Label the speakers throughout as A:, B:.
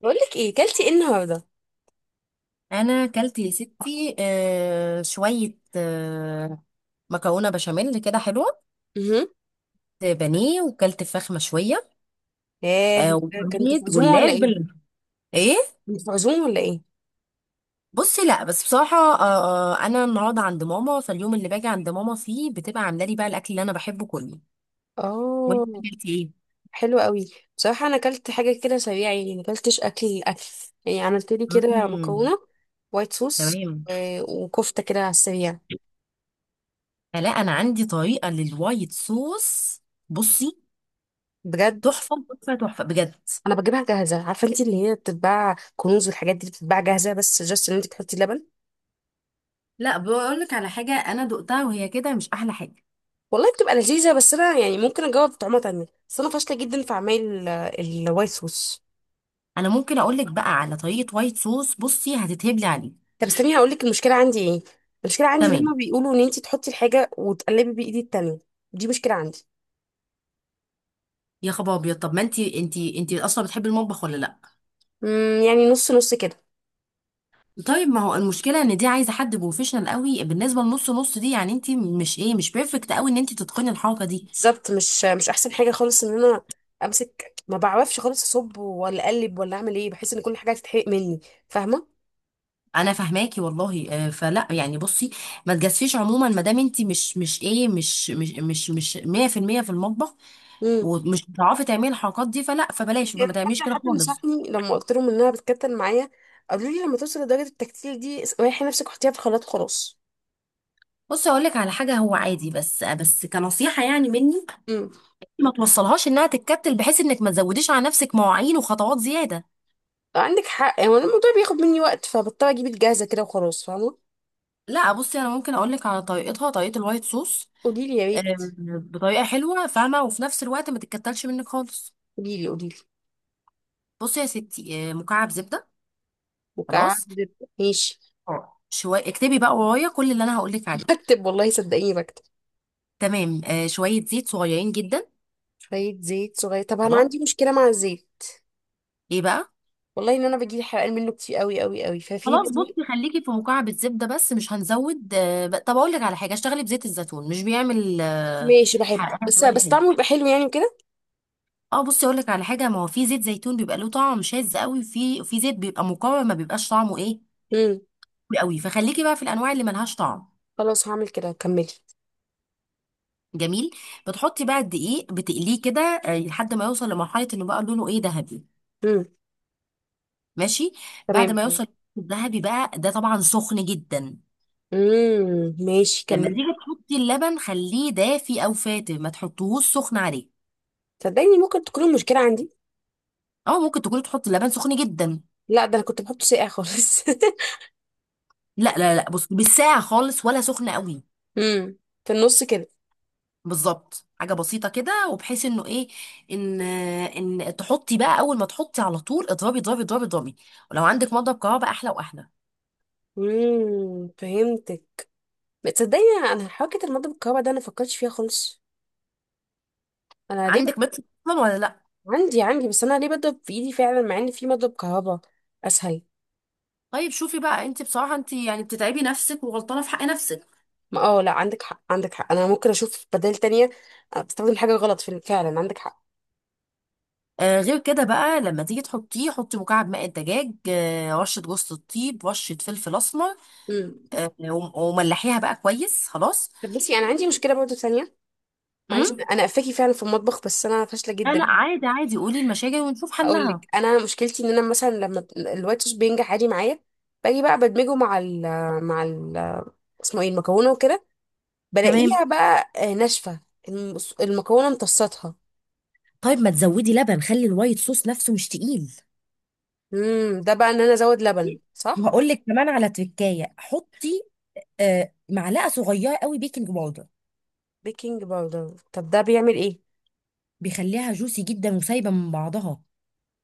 A: بقول لك ايه، كلتي ايه النهارده؟
B: انا اكلت يا ستي، شويه، مكرونه بشاميل كده حلوه.
A: امم.
B: بانيه، وكلت فراخ مشويه،
A: ياه. كنت في
B: وصينيه
A: عزومه ولا
B: جلاش
A: ايه؟
B: بال ايه.
A: كنت في عزومه ولا ايه؟
B: بصي، لا بس بصراحه، انا النهارده عند ماما، فاليوم اللي باجي عند ماما فيه بتبقى عامله لي بقى الاكل اللي انا بحبه كله. وانت
A: اه.
B: اكلتي ايه؟
A: حلو قوي. بصراحه انا كلت حاجه كده سريعه، يعني ما كلتش اكل اكل. يعني عملت لي كده
B: مم.
A: مكرونه وايت صوص
B: تمام.
A: وكفته كده على السريع.
B: فلا انا عندي طريقه للوايت صوص. بصي
A: بجد.
B: تحفه تحفه تحفه بجد.
A: انا بجيبها جاهزه، عارفه انت اللي هي بتتباع كنوز والحاجات دي بتتباع جاهزه، بس جاست ان انت تحطي لبن.
B: لا بقول لك على حاجه، انا دقتها وهي كده مش احلى حاجه.
A: والله بتبقى لذيذه، بس انا يعني ممكن اجاوب بطعمها تانية، بس انا فاشله جدا في اعمال الوايت صوص.
B: انا ممكن اقول لك بقى على طريقه وايت صوص، بصي هتتهبلي عليه.
A: طب استني هقول لك المشكله عندي ايه. المشكله عندي لما
B: تمام.
A: بيقولوا ان انت تحطي الحاجه وتقلبي بايدي التانية. دي مشكله عندي.
B: يا خبر ابيض، طب ما انت اصلا بتحبي المطبخ ولا لا؟
A: امم، يعني نص نص كده.
B: طيب ما هو المشكله ان دي عايزه حد بروفيشنال قوي، بالنسبه لنص نص دي، يعني انت مش ايه، مش بيرفكت قوي ان انت تتقني الحركه دي.
A: بالظبط، مش احسن حاجه خالص ان انا امسك، ما بعرفش خالص اصب ولا اقلب ولا اعمل ايه، بحس ان كل حاجه هتتحرق مني. فاهمه؟
B: انا فاهماكي والله، فلا يعني بصي، ما تجازفيش عموما ما دام انت مش مش ايه مش مش مش مش 100% في المية في المطبخ،
A: امم.
B: ومش بتعرفي تعملي الحركات دي، فلا فبلاش
A: يعني
B: فما تعمليش
A: حتى
B: كده
A: حد
B: خالص.
A: نصحني لما قلت لهم انها بتكتل معايا، قالوا لي لما توصل لدرجه التكتيل دي ريحي نفسك وحطيها في الخلاط وخلاص.
B: بصي اقول لك على حاجه، هو عادي بس كنصيحه يعني مني،
A: امم.
B: ما توصلهاش انها تتكتل، بحيث انك ما تزوديش على نفسك مواعين وخطوات زياده.
A: عندك حق، يعني الموضوع بياخد مني وقت فبضطر اجيب الجاهزه كده وخلاص، فاهمه؟
B: لا بصي، انا ممكن اقول لك على طريقتها، طريقه الوايت صوص.
A: قولي لي يا
B: آه،
A: ريت.
B: بطريقه حلوه فاهمه، وفي نفس الوقت ما تتكتلش منك خالص.
A: قوليلي قوليلي.
B: بصي يا ستي، مكعب زبده. خلاص.
A: وكعدد. ماشي.
B: شويه، اكتبي بقى ورايا كل اللي انا هقول لك عليه.
A: بكتب، والله صدقيني بكتب.
B: تمام. شويه زيت صغيرين جدا.
A: شوية زيت صغير، طب أنا
B: خلاص.
A: عندي مشكلة مع الزيت.
B: ايه بقى.
A: والله إن أنا بجيب حرقان منه كتير قوي قوي قوي، ففي
B: خلاص
A: بديل؟
B: بصي، خليكي في مكعب الزبده بس، مش هنزود. طب اقول لك على حاجه، اشتغلي بزيت الزيتون، مش بيعمل
A: ماشي، بحبه،
B: حرقان
A: بس
B: ولا
A: بس طعمه
B: حاجه.
A: يبقى حلو يعني وكده.
B: اه بصي، اقول لك على حاجه، ما هو في زيت زيتون بيبقى له طعم شاذ قوي، وفي في زيت بيبقى مقاوم ما بيبقاش طعمه ايه
A: امم.
B: قوي، فخليكي بقى في الانواع اللي ملهاش طعم.
A: خلاص هعمل كده، كملي.
B: جميل. بتحطي بقى الدقيق، بتقليه كده لحد ما يوصل لمرحله انه بقى لونه ايه، ذهبي.
A: امم.
B: ماشي. بعد
A: تمام.
B: ما يوصل الذهبي بقى ده، طبعا سخن جدا.
A: امم، ماشي،
B: لما
A: كملي.
B: تيجي تحطي اللبن، خليه دافي او فاتر، ما تحطيهوش سخن عليه،
A: صدقيني ممكن تكون المشكلة عندي.
B: او ممكن تكوني تحطي اللبن سخن جدا.
A: لا ده أنا كنت بحطه ساقع خالص.
B: لا لا لا بصي، بالساعه خالص ولا سخن قوي.
A: امم. في النص كده.
B: بالظبط، حاجه بسيطه كده، وبحيث انه ايه، ان ان تحطي بقى، اول ما تحطي على طول اضربي اضربي اضربي اضربي، ولو عندك مضرب كهرباء احلى واحلى.
A: امم، فهمتك. تصدقني، انا حركه المضرب الكهرباء ده انا فكرتش فيها خالص. انا ليه؟
B: عندك متر اصلا ولا لا؟
A: عندي، عندي، بس انا ليه بضرب في ايدي فعلا مع ان في مضرب كهرباء اسهل؟
B: طيب شوفي بقى، انت بصراحه، انت يعني بتتعبي نفسك وغلطانه في حق نفسك.
A: ما اه، لا، عندك حق عندك حق، انا ممكن اشوف بدائل تانية. بستخدم حاجه غلط في، فعلا عندك حق.
B: آه، غير كده بقى لما تيجي تحطيه، حطي مكعب ماء الدجاج، آه رشه جوز الطيب، رشه فلفل اسمر،
A: امم.
B: وملحيها بقى كويس. خلاص.
A: طب بصي انا عندي مشكله برضه تانية. معلش
B: امم.
A: انا قفاكي فعلا في المطبخ بس انا فاشله
B: لا
A: جدا.
B: لا عادي عادي، قولي المشاكل ونشوف
A: هقول
B: حلها.
A: لك انا مشكلتي ان انا مثلا لما الوايت صوص بينجح عادي معايا، باجي بقى بدمجه مع ال اسمه ايه المكرونه وكده،
B: تمام.
A: بلاقيها بقى ناشفه. المكرونه امتصتها.
B: طيب ما تزودي لبن، خلي الوايت صوص نفسه مش تقيل.
A: امم، ده بقى ان انا ازود لبن، صح؟
B: وهقول لك كمان على تركايه، حطي معلقه صغيره قوي بيكنج باودر.
A: بيكنج باودر، طب ده بيعمل ايه؟
B: بيخليها جوسي جدا وسايبه من بعضها،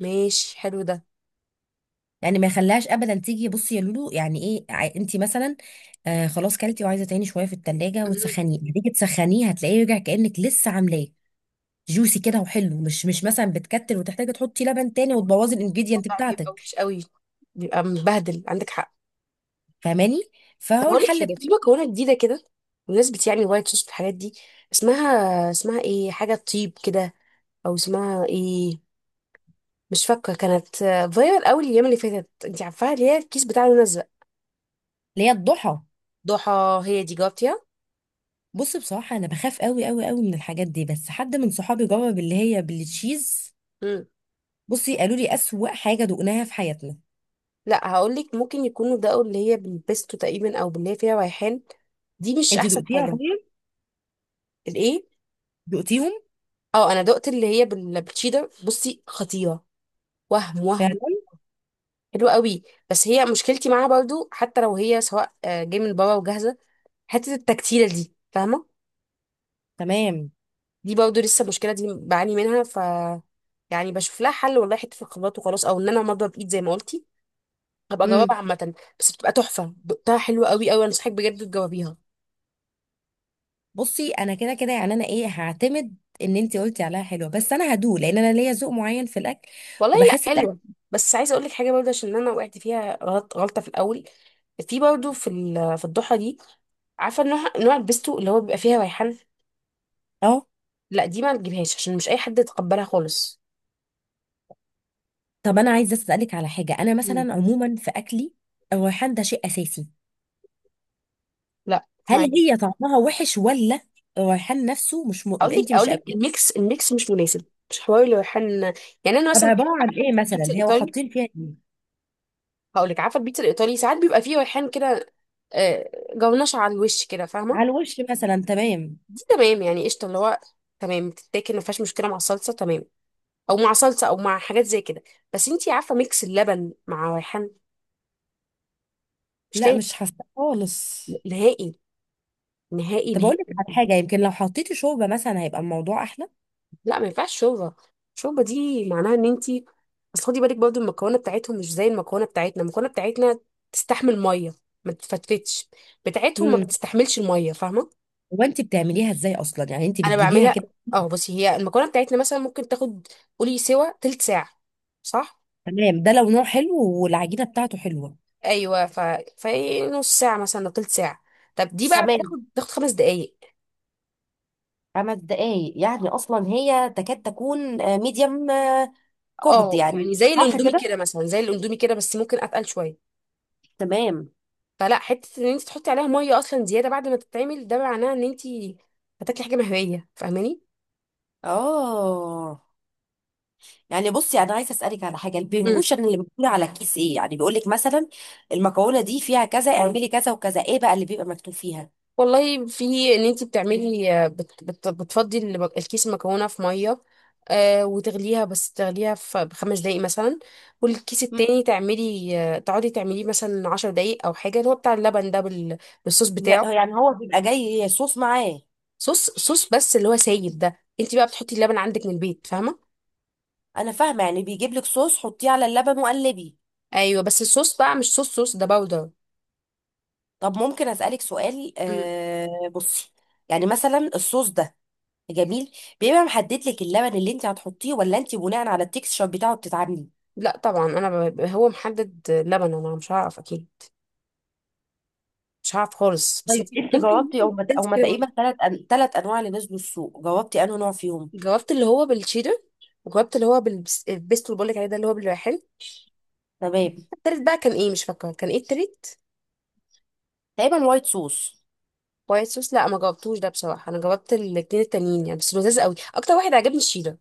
A: ماشي حلو ده.
B: يعني ما يخليهاش ابدا تيجي، بصي يا لولو، يعني ايه انت مثلا، خلاص كلتي وعايزه تاني شويه في التلاجة
A: مم.
B: وتسخنيه، هتيجي تسخنيه هتلاقيه رجع كانك لسه عاملاه. جوسي كده وحلو، مش مثلا بتكتل وتحتاجي تحطي لبن تاني، وتبوظي الانجريدينت
A: الموضوع بيبقى
B: بتاعتك.
A: وحش قوي، بيبقى مبهدل، عندك حق.
B: فاهماني.
A: طب
B: فهو
A: هقول لك
B: الحل
A: حاجه، في مكرونه جديده كده بمناسبه يعني وايت صوص والحاجات دي. اسمها ايه؟ حاجه طيب كده. او اسمها ايه؟ مش فاكره كانت. فايرال قوي الايام اللي فاتت، انت عارفاها، اللي هي الكيس بتاع لون ازرق.
B: اللي هي الضحى.
A: ضحى، هي دي، جاوبتيها؟
B: بص، بصراحة أنا بخاف أوي أوي أوي من الحاجات دي، بس حد من صحابي جرب اللي هي بالتشيز.
A: امم.
B: بصي قالوا لي أسوأ حاجة دقناها في حياتنا.
A: لا، هقول لك ممكن يكونوا ده اللي هي بالبيستو تقريبا او باللي هي فيها ريحان، دي مش
B: أنت
A: احسن
B: دقتيها
A: حاجه.
B: طيب؟
A: الايه؟
B: دقتيهم؟
A: اه، انا دقت اللي هي بالتشيدر، بصي خطيره. وهم وهم.
B: فعلا؟
A: حلو قوي. بس هي مشكلتي معاها برضو، حتى لو هي سواء جاي من بره وجاهزه، حته التكتيله دي، فاهمه؟
B: تمام.
A: دي برضو لسه المشكله دي بعاني منها، ف يعني بشوف لها حل والله، حته في الخبرات وخلاص، او ان انا مضرب بايد زي ما قلتي، هبقى اجاوبها
B: مم.
A: عامه. بس بتبقى تحفه، دقتها حلوه قوي قوي، انصحك بجد تجاوبيها.
B: بصي أنا كده كده يعني، أنا إيه، هعتمد إن أنت قلتي عليها حلوة، بس أنا هدوق لأن أنا ليا ذوق معين في الأكل
A: والله لا،
B: وبحس الأكل.
A: حلوه. بس عايزه اقول لك حاجه برضه عشان انا وقعت فيها غلط، غلطه في الاول، في برضه في في الضحى دي. عارفه نوع نوع البيستو اللي هو بيبقى فيها ريحان.
B: أه.
A: لا دي ما تجيبهاش عشان مش اي حد يتقبلها خالص.
B: طب أنا عايزة أسألك على حاجة، أنا مثلا
A: مم.
B: عموما في أكلي، الريحان ده شيء أساسي.
A: لا،
B: هل
A: اسمعي.
B: هي طعمها وحش ولا الريحان نفسه مش
A: اقول لك
B: أنت
A: اقول
B: مش.
A: لك الميكس مش مناسب، مش حوالي ريحان. يعني انا
B: طب
A: مثلا
B: عبارة
A: بحب،
B: عن
A: عارفه
B: ايه
A: انت
B: مثلا،
A: البيتزا
B: هي
A: الايطالي؟
B: حاطين فيها ايه؟
A: هقول لك عارفه البيتزا الايطالي ساعات بيبقى فيه ريحان كده آه، جونش على الوش كده، فاهمه؟
B: على الوش مثلا، تمام.
A: دي تمام يعني، قشطه اللي هو تمام، بتتاكل ما فيهاش مشكله مع الصلصه، تمام، او مع صلصه او مع حاجات زي كده. بس انتي عارفه ميكس اللبن مع ريحان مش
B: لا
A: لاقي،
B: مش حاسه خالص.
A: نهائي، نهائي
B: طب اقول
A: نهائي.
B: لك على حاجة، يمكن لو حطيتي شوربة مثلا هيبقى الموضوع احلى.
A: لا ما ينفعش شوربه. الشوربه دي معناها ان انت، اصل خدي بالك برضو المكونه بتاعتهم مش زي المكونه بتاعتنا. المكونه بتاعتنا تستحمل ميه، ما تفتفتش، بتاعتهم ما
B: امم.
A: بتستحملش الميه، فاهمه؟
B: هو انت بتعمليها ازاي اصلا، يعني انت
A: انا
B: بتجيبيها
A: بعملها.
B: كده.
A: اه بصي، هي المكونه بتاعتنا مثلا ممكن تاخد، قولي سوا تلت ساعه، صح؟
B: تمام ده لو نوع حلو والعجينة بتاعته حلوة.
A: ايوه، ف في نص ساعه مثلا أو تلت ساعه. طب دي بقى
B: تمام.
A: بتاخد 5 دقايق.
B: خمس دقايق يعني اصلا هي تكاد تكون ميديم كوكد،
A: اه،
B: يعني
A: يعني زي
B: صح
A: الاندومي
B: كده.
A: كده مثلا، زي الاندومي كده بس ممكن اتقل شويه.
B: تمام.
A: فلا حته ان انت تحطي عليها ميه اصلا زياده بعد ما تتعمل ده معناه ان انت هتاكلي حاجه مهويه، فاهماني؟
B: اه يعني بصي، انا عايزه اسالك على حاجه،
A: امم.
B: البيهوشن اللي بتقول على الكيس ايه، يعني بيقول لك مثلا المكونه دي فيها كذا، اعملي كذا وكذا، ايه بقى اللي بيبقى مكتوب فيها؟
A: والله في ان انت بتعملي، بت بت بتفضي الكيس المكرونه في ميه وتغليها، بس تغليها في ب5 دقايق مثلا، والكيس
B: مم.
A: التاني تعملي تقعدي تعمليه مثلا 10 دقايق او حاجه، اللي هو بتاع اللبن ده بالصوص بتاعه.
B: لا، يعني هو بيبقى جاي صوص معاه.
A: صوص صوص، بس اللي هو سايب ده انت بقى بتحطي اللبن عندك من البيت، فاهمه؟
B: انا فاهمه، يعني بيجيب لك صوص حطيه على اللبن وقلبي.
A: ايوه، بس الصوص بقى مش صوص صوص، ده باودر.
B: طب ممكن اسالك سؤال آه، بصي يعني مثلا الصوص ده، جميل، بيبقى محدد لك اللبن اللي انت هتحطيه، ولا انت بناء على التكستشر بتاعه بتتعاملي؟
A: لا طبعا انا هو محدد لبن، انا مش هعرف اكيد، مش هعرف خالص، بس انت
B: طيب انت
A: ممكن.
B: جاوبتي
A: ممكن
B: او
A: انت
B: او ما
A: كده برضه.
B: تقريبا ثلاث انواع اللي نزلوا السوق، جاوبتي انه نوع فيهم.
A: جاوبت اللي هو بالشيدر، وجاوبت اللي هو البيستو اللي بقولك عليه، ده اللي هو بالريحان.
B: تمام.
A: التالت بقى كان ايه؟ مش فاكره كان ايه التالت.
B: تقريبا وايت صوص.
A: وايت صوص، لا ما جاوبتوش ده بصراحه، انا جاوبت الاتنين التانيين يعني، بس لذيذ قوي، اكتر واحد عجبني الشيدر.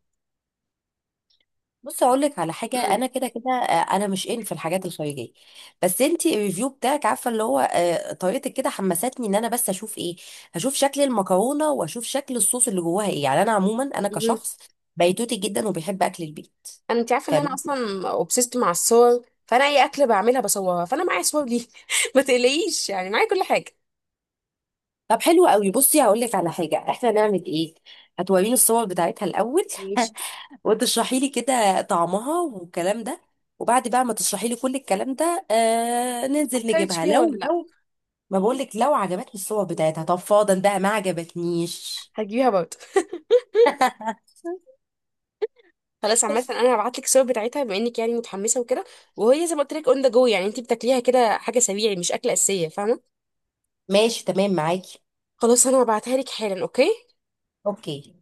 B: بص اقول لك على حاجه،
A: امم.
B: انا كده كده انا مش ان في الحاجات الخارجيه، بس انت الريفيو بتاعك عارفه اللي هو طريقتك كده حمستني ان انا بس اشوف ايه. هشوف شكل المكرونه واشوف شكل الصوص اللي جواها ايه، يعني انا عموما انا
A: امم.
B: كشخص بيتوتي جدا وبيحب اكل البيت.
A: انا، انت عارفه ان انا
B: فاهم.
A: اصلا اوبسيست مع الصور، فانا اي اكله بعملها بصورها، فانا معايا صور دي ما تقلقيش يعني معايا كل حاجه.
B: طب حلو قوي، بصي هقول لك على حاجه احنا نعمل ايه. هتوريني الصور بتاعتها الاول
A: ماشي.
B: وتشرحي لي كده طعمها والكلام ده، وبعد بقى ما تشرحي لي كل الكلام ده آه، ننزل
A: فكرتش
B: نجيبها
A: فيها
B: لو
A: ولا لا؟
B: لو ما بقولك لو عجبتني الصور بتاعتها، طب فاضل بقى ما عجبتنيش
A: هجيبها برضه. خلاص، عامة انا هبعت لك الصور بتاعتها بما انك يعني متحمسة وكده. وهي زي ما قلت لك اون ذا جو، يعني انت بتاكليها كده حاجة سريعة مش أكلة أساسية، فاهمة؟
B: ماشي تمام معاكي.
A: خلاص انا هبعتها لك حالا، اوكي؟
B: اوكي.